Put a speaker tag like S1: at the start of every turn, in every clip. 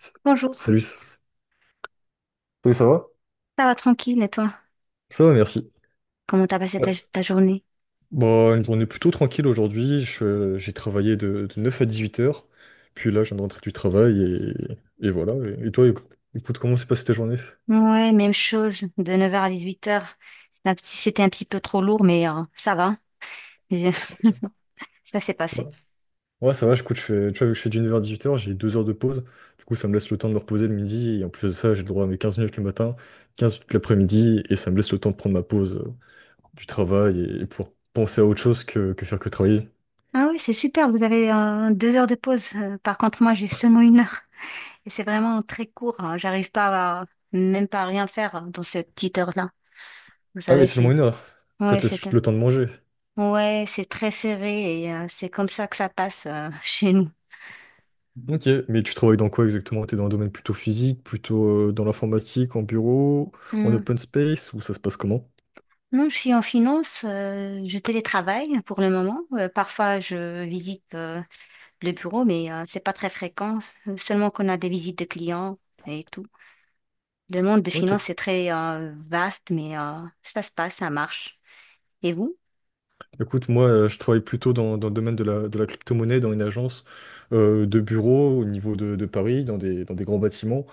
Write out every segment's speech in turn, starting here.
S1: S-
S2: Bonjour, ça
S1: Salut, Oui, ça va?
S2: va tranquille et toi?
S1: Ça va, merci.
S2: Comment t'as passé ta,
S1: Ouais.
S2: ta journée?
S1: Bon, une journée plutôt tranquille aujourd'hui. J'ai travaillé de 9 à 8 heures. Puis là, je viens de rentrer du travail et voilà. Et toi, écoute, comment s'est passée ta journée?
S2: Ouais, même chose, de 9 heures à 18 heures. C'était un petit peu trop lourd, mais ça va. J'ai-
S1: Ok.
S2: Ça s'est
S1: Ouais,
S2: passé.
S1: ouais, ça va, écoute, je fais, tu vois, vu que je fais du 9h-18h. J'ai 2 heures de pause. Du coup, ça me laisse le temps de me reposer le midi. Et en plus de ça, j'ai le droit à mes 15 minutes le matin, 15 minutes l'après-midi. Et ça me laisse le temps de prendre ma pause du travail et pour penser à autre chose que faire que travailler.
S2: Ah oui, c'est super, vous avez deux heures de pause. Par contre, moi, j'ai seulement une heure. Et c'est vraiment très court, hein. J'arrive pas à, même pas à rien faire, hein, dans cette petite heure-là. Vous
S1: Ah oui,
S2: savez,
S1: seulement
S2: c'est...
S1: 1 heure. Ça
S2: Ouais,
S1: te laisse
S2: c'est...
S1: juste le temps de manger.
S2: Ouais, c'est très serré et c'est comme ça que ça passe chez nous.
S1: Ok, mais tu travailles dans quoi exactement? T'es dans un domaine plutôt physique, plutôt dans l'informatique, en bureau, en open space, ou ça se passe comment?
S2: Non, je suis en finance, je télétravaille pour le moment. Parfois, je visite le bureau, mais c'est pas très fréquent. Seulement qu'on a des visites de clients et tout. Le monde de
S1: Ok.
S2: finance est très vaste, mais ça se passe, ça marche. Et vous?
S1: Écoute, moi, je travaille plutôt dans le domaine de la crypto-monnaie, dans une agence de bureau au niveau de Paris, dans des grands bâtiments,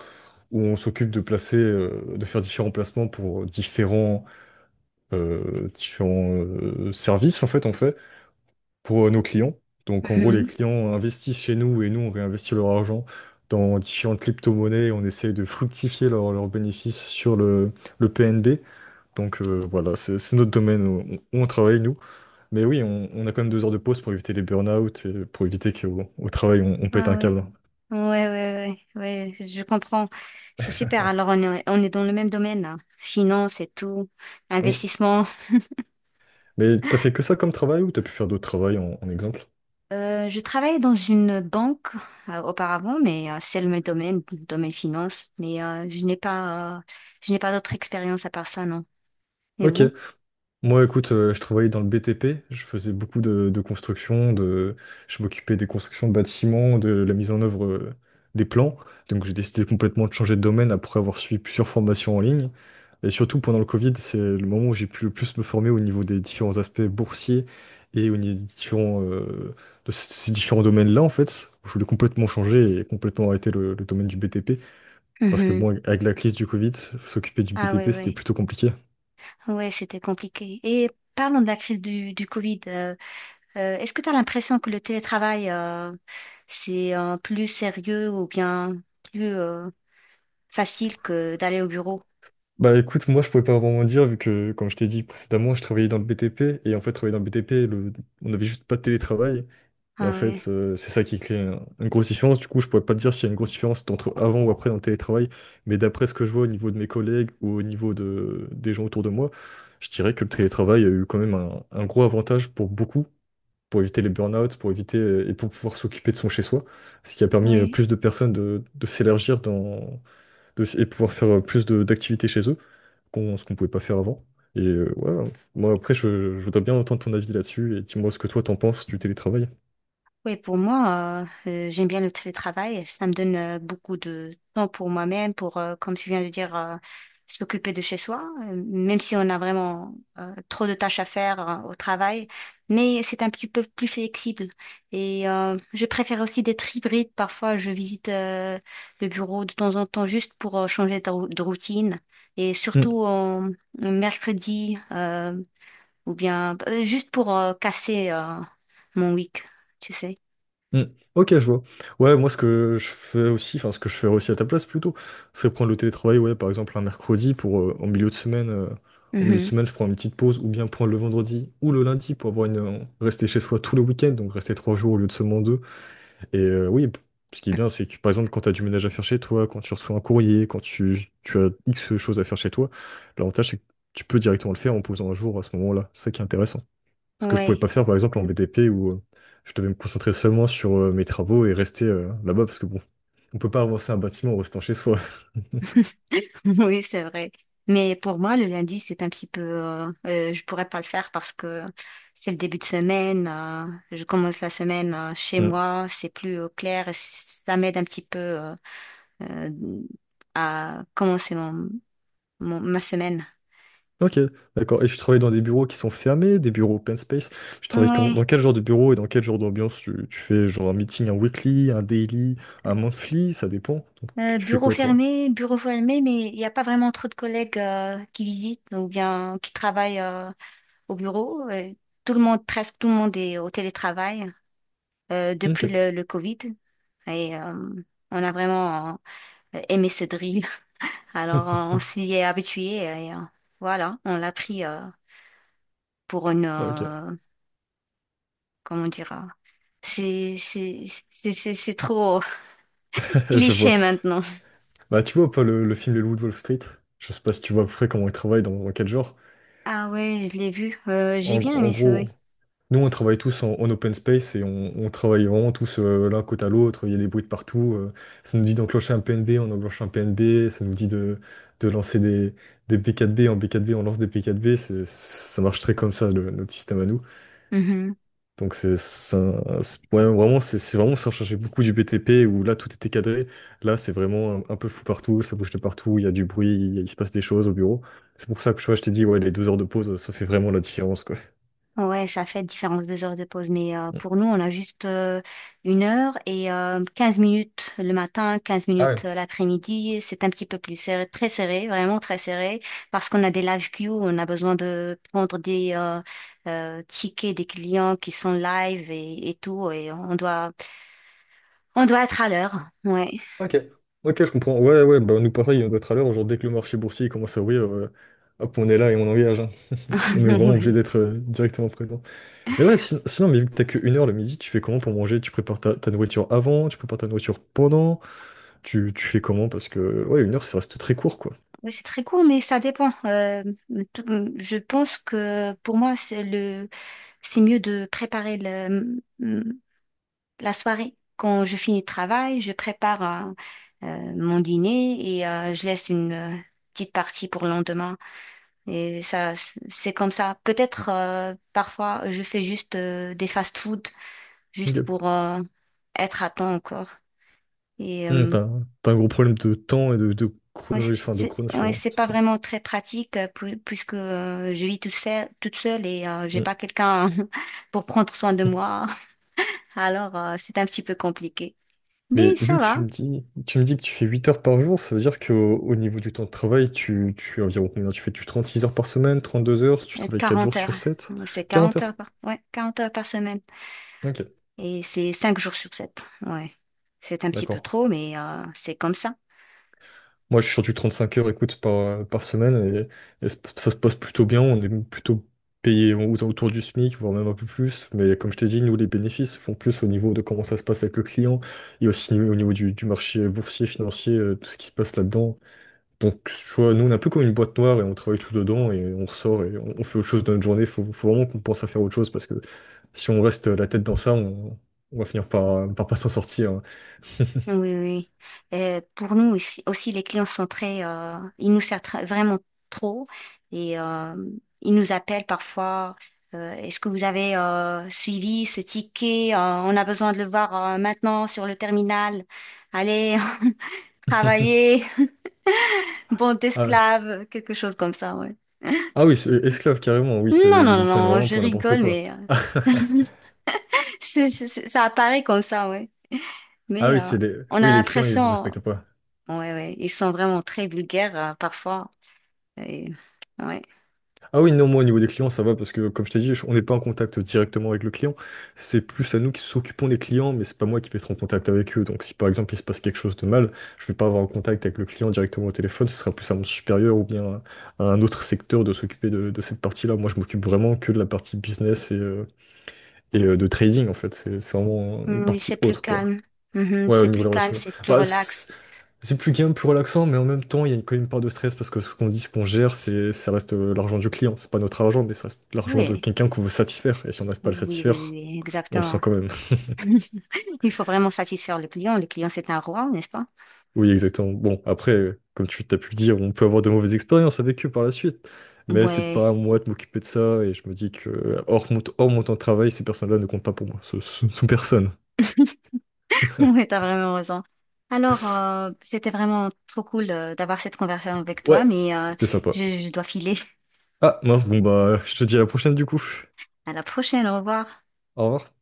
S1: où on s'occupe de placer, de faire différents placements pour différents services, en fait, on fait pour nos clients. Donc, en gros, les
S2: Mhm.
S1: clients investissent chez nous et nous, on réinvestit leur argent dans différentes crypto-monnaies. On essaie de fructifier leurs bénéfices sur le PNB. Donc, voilà, c'est notre domaine où on travaille, nous. Mais oui, on a quand même 2 heures de pause pour éviter les burn-out et pour éviter qu'au au travail, on pète
S2: Ah
S1: un
S2: ouais.
S1: câble.
S2: Ouais, ouais, ouais, ouais, je comprends. C'est super. Alors, on est dans le même domaine, là. Finance et tout,
S1: Mm.
S2: investissement.
S1: Mais t'as fait que ça comme travail ou t'as pu faire d'autres travails en exemple?
S2: Je travaillais dans une banque auparavant, mais c'est le même domaine, domaine finance. Mais je n'ai pas d'autre expérience à part ça, non. Et
S1: Ok.
S2: vous?
S1: Moi, écoute, je travaillais dans le BTP, je faisais beaucoup de construction. Je m'occupais des constructions de bâtiments, de la mise en œuvre des plans. Donc, j'ai décidé complètement de changer de domaine après avoir suivi plusieurs formations en ligne. Et surtout, pendant le Covid, c'est le moment où j'ai pu le plus me former au niveau des différents aspects boursiers et au niveau de ces différents domaines-là, en fait. Je voulais complètement changer et complètement arrêter le domaine du BTP. Parce que,
S2: Mhm.
S1: bon, avec la crise du Covid, s'occuper du
S2: Ah ouais,
S1: BTP, c'était
S2: ouais,
S1: plutôt compliqué.
S2: ouais, c'était compliqué. Et parlons de la crise du Covid. Est-ce que tu as l'impression que le télétravail c'est plus sérieux ou bien plus facile que d'aller au bureau?
S1: Bah écoute, moi je pouvais pas vraiment dire vu que comme je t'ai dit précédemment, je travaillais dans le BTP et en fait travailler dans le BTP, on n'avait juste pas de télétravail et en
S2: Ah
S1: fait
S2: ouais,
S1: c'est ça qui crée une grosse différence. Du coup, je pourrais pas te dire s'il y a une grosse différence entre avant ou après dans le télétravail, mais d'après ce que je vois au niveau de mes collègues ou au niveau de des gens autour de moi, je dirais que le télétravail a eu quand même un gros avantage pour beaucoup, pour éviter les burn-out, pour éviter et pour pouvoir s'occuper de son chez-soi, ce qui a permis
S2: oui.
S1: plus de personnes de s'élargir et pouvoir faire plus d'activités chez eux qu'on ce qu'on pouvait pas faire avant. Et voilà. Moi, après, je voudrais bien entendre ton avis là-dessus et dis-moi ce que toi t'en penses du télétravail.
S2: Oui, pour moi, j'aime bien le télétravail. Ça me donne beaucoup de temps pour moi-même, pour, comme tu viens de dire, s'occuper de chez soi, même si on a vraiment trop de tâches à faire au travail. Mais c'est un petit peu plus flexible. Et je préfère aussi d'être hybride. Parfois, je visite le bureau de temps en temps juste pour changer de routine. Et
S1: Hmm,
S2: surtout en mercredi, ou bien juste pour casser mon week, tu sais.
S1: hmm. Ok, je vois. Ouais, moi, ce que je fais aussi, enfin, ce que je ferais aussi à ta place plutôt, c'est prendre le télétravail, ouais, par exemple, un mercredi pour en milieu de
S2: Mhm.
S1: semaine, je prends une petite pause ou bien prendre le vendredi ou le lundi pour avoir rester chez soi tout le week-end, donc rester 3 jours au lieu de seulement deux. Et oui, ce qui est bien, c'est que par exemple, quand tu as du ménage à faire chez toi, quand tu reçois un courrier, quand tu as X choses à faire chez toi, l'avantage, c'est que tu peux directement le faire en posant un jour à ce moment-là. C'est ça qui est intéressant. Ce que je pouvais
S2: Ouais.
S1: pas faire, par exemple, en
S2: Mm.
S1: BDP, où je devais me concentrer seulement sur mes travaux et rester là-bas, parce que bon, on peut pas avancer un bâtiment en restant chez soi.
S2: Oui, c'est vrai. Mais pour moi, le lundi, c'est un petit peu... je pourrais pas le faire parce que c'est le début de semaine. Je commence la semaine chez
S1: Mm.
S2: moi. C'est plus clair. Et ça m'aide un petit peu euh, à commencer ma semaine.
S1: Ok, d'accord. Et tu travailles dans des bureaux qui sont fermés, des bureaux open space. Tu travailles
S2: Ouais.
S1: dans quel genre de bureau et dans quel genre d'ambiance tu fais genre un meeting, un weekly, un daily, un monthly, ça dépend. Donc, tu fais
S2: Bureau
S1: quoi, toi?
S2: fermé, bureau fermé, mais il n'y a pas vraiment trop de collègues qui visitent ou bien qui travaillent au bureau. Tout le monde, presque tout le monde est au télétravail, depuis
S1: Ok.
S2: le Covid. Et on a vraiment aimé ce drill. Alors on s'y est habitué et voilà, on l'a pris pour une...
S1: Ok.
S2: comment dire? C'est c'est- c'est trop
S1: Je vois.
S2: cliché maintenant.
S1: Bah, tu vois pas le film Les Loups de Wall Street? Je sais pas si tu vois à peu près comment ils travaillent, dans quel genre.
S2: Ah ouais, je l'ai vu. J'ai
S1: En,
S2: bien
S1: en
S2: aimé ce...
S1: gros, nous, on travaille tous en open space et on travaille vraiment tous l'un côté à l'autre. Il y a des bruits de partout. Ça nous dit d'enclencher un PNB, on enclenche un PNB. Ça nous dit de lancer des B4B. En B4B, on lance des B4B. Ça marche très comme ça, notre système à nous.
S2: oui.
S1: Donc ouais, vraiment c'est vraiment ça changeait beaucoup du BTP où là tout était cadré. Là c'est vraiment un peu fou partout, ça bouge de partout, il y a du bruit, il se passe des choses au bureau. C'est pour ça que tu vois, je t'ai dit ouais les 2 heures de pause ça fait vraiment la différence quoi.
S2: Ouais, ça fait différence deux heures de pause, mais
S1: Mm.
S2: pour nous, on a juste une heure et 15 minutes le matin, quinze
S1: Ah
S2: minutes
S1: ouais,
S2: l'après-midi. C'est un petit peu plus serré, très serré, vraiment très serré, parce qu'on a des live queues, on a besoin de prendre des tickets des clients qui sont live et tout, et on doit être à l'heure. Ouais.
S1: ok. Ok, je comprends. Ouais, ouais, bah nous pareil on doit être à l'heure. Genre dès que le marché boursier commence à ouvrir, hop on est là et on engage. Hein. On est vraiment obligé
S2: Oui.
S1: d'être directement présent. Mais ouais sinon, mais vu que t'as que 1 heure le midi, tu fais comment pour manger? Tu prépares ta nourriture avant, tu prépares ta nourriture pendant. Tu fais comment? Parce que ouais, 1 heure, ça reste très court, quoi.
S2: Oui, c'est très court, mais ça dépend. Tout- je pense que pour moi, c'est le, c'est mieux de préparer le, la soirée, quand je finis le travail, je prépare mon dîner et je laisse une petite partie pour le lendemain. Et ça, c'est comme ça. Peut-être parfois je fais juste des fast-food juste
S1: Ok.
S2: pour être à temps encore. Et
S1: T'as un gros problème de temps et de
S2: ouais,
S1: chronologie, enfin de chrono
S2: ouais,
S1: sur
S2: c'est
S1: sur
S2: pas
S1: ça.
S2: vraiment très pratique puisque je vis toute seule et j'ai
S1: Hum.
S2: pas quelqu'un pour prendre soin de moi. Alors c'est un petit peu compliqué.
S1: Mais
S2: Mais
S1: vu
S2: ça
S1: que tu
S2: va.
S1: me dis, tu me dis que tu fais 8 heures par jour, ça veut dire qu'au au niveau du temps de travail, tu es environ combien? Tu fais tu 6 heures par semaine, 32 heures, tu travailles 4
S2: 40
S1: jours
S2: heures.
S1: sur 7
S2: Ouais, c'est
S1: 40
S2: 40
S1: heures.
S2: heures par, ouais, 40 heures par semaine.
S1: Ok,
S2: Et c'est 5 jours sur 7. Ouais. C'est un petit peu
S1: d'accord.
S2: trop, mais c'est comme ça.
S1: Moi, je suis sur du 35 heures, écoute, par semaine, et ça se passe plutôt bien. On est plutôt payé aux alentours du SMIC, voire même un peu plus. Mais comme je t'ai dit, nous, les bénéfices se font plus au niveau de comment ça se passe avec le client, et aussi au niveau du marché boursier, financier, tout ce qui se passe là-dedans. Donc, tu vois, nous, on est un peu comme une boîte noire, et on travaille tout dedans, et on ressort, et on fait autre chose dans notre journée. Faut vraiment qu'on pense à faire autre chose, parce que si on reste la tête dans ça, on va finir par pas s'en sortir. Hein.
S2: Oui, oui, oui. Pour nous aussi, aussi, les clients sont très... ils nous servent très- vraiment trop. Et ils nous appellent parfois. Est-ce que vous avez suivi ce ticket? On a besoin de le voir maintenant sur le terminal. Allez, travaillez, bande
S1: Ah ouais.
S2: d'esclaves, quelque chose comme ça, ouais.
S1: Ah oui, c'est esclave carrément, oui, c'est
S2: Non,
S1: ils
S2: non,
S1: vous prennent
S2: non,
S1: vraiment
S2: je
S1: pour n'importe
S2: rigole,
S1: quoi.
S2: mais ça apparaît comme ça, ouais.
S1: Ah
S2: Mais
S1: oui, c'est les
S2: on a
S1: oui, les clients ils vous
S2: l'impression,
S1: respectent pas.
S2: ouais, ouais, ils sont vraiment très vulgaires parfois. Et, ouais.
S1: Ah oui, non, moi au niveau des clients, ça va parce que comme je t'ai dit, on n'est pas en contact directement avec le client. C'est plus à nous qui s'occupons des clients, mais c'est pas moi qui vais être en contact avec eux. Donc si par exemple il se passe quelque chose de mal, je vais pas avoir en contact avec le client directement au téléphone, ce sera plus à mon supérieur ou bien à un autre secteur de s'occuper de cette partie-là. Moi je m'occupe vraiment que de la partie business et de trading en fait. C'est vraiment une
S2: Mm,
S1: partie
S2: c'est plus
S1: autre quoi.
S2: calme. Mhm,
S1: Ouais, au
S2: c'est
S1: niveau de
S2: plus
S1: la
S2: calme,
S1: relation.
S2: c'est plus
S1: Bah,
S2: relax.
S1: c'est plus gain, plus relaxant, mais en même temps, il y a quand même une part de stress parce que ce qu'on dit, ce qu'on gère, ça reste l'argent du client. C'est pas notre argent, mais ça reste l'argent de
S2: Oui,
S1: quelqu'un qu'on veut satisfaire. Et si on n'arrive pas à le
S2: oui, oui, oui,
S1: satisfaire,
S2: oui,
S1: on le sent
S2: exactement.
S1: quand même.
S2: Il faut vraiment satisfaire le client. Le client, c'est un roi, n'est-ce pas?
S1: Oui, exactement. Bon, après, comme tu t'as pu le dire, on peut avoir de mauvaises expériences avec eux par la suite. Mais c'est
S2: Ouais,
S1: pas à moi de m'occuper de ça. Et je me dis que, hors mon temps de travail, ces personnes-là ne comptent pas pour moi. Ce sont personne.
S2: ouais, t'as vraiment raison. Alors, c'était vraiment trop cool d'avoir cette conversation avec toi,
S1: Ouais,
S2: mais
S1: c'était sympa.
S2: je dois filer.
S1: Ah, mince, bon, bah, je te dis à la prochaine du coup.
S2: À la prochaine, au revoir.
S1: Au revoir.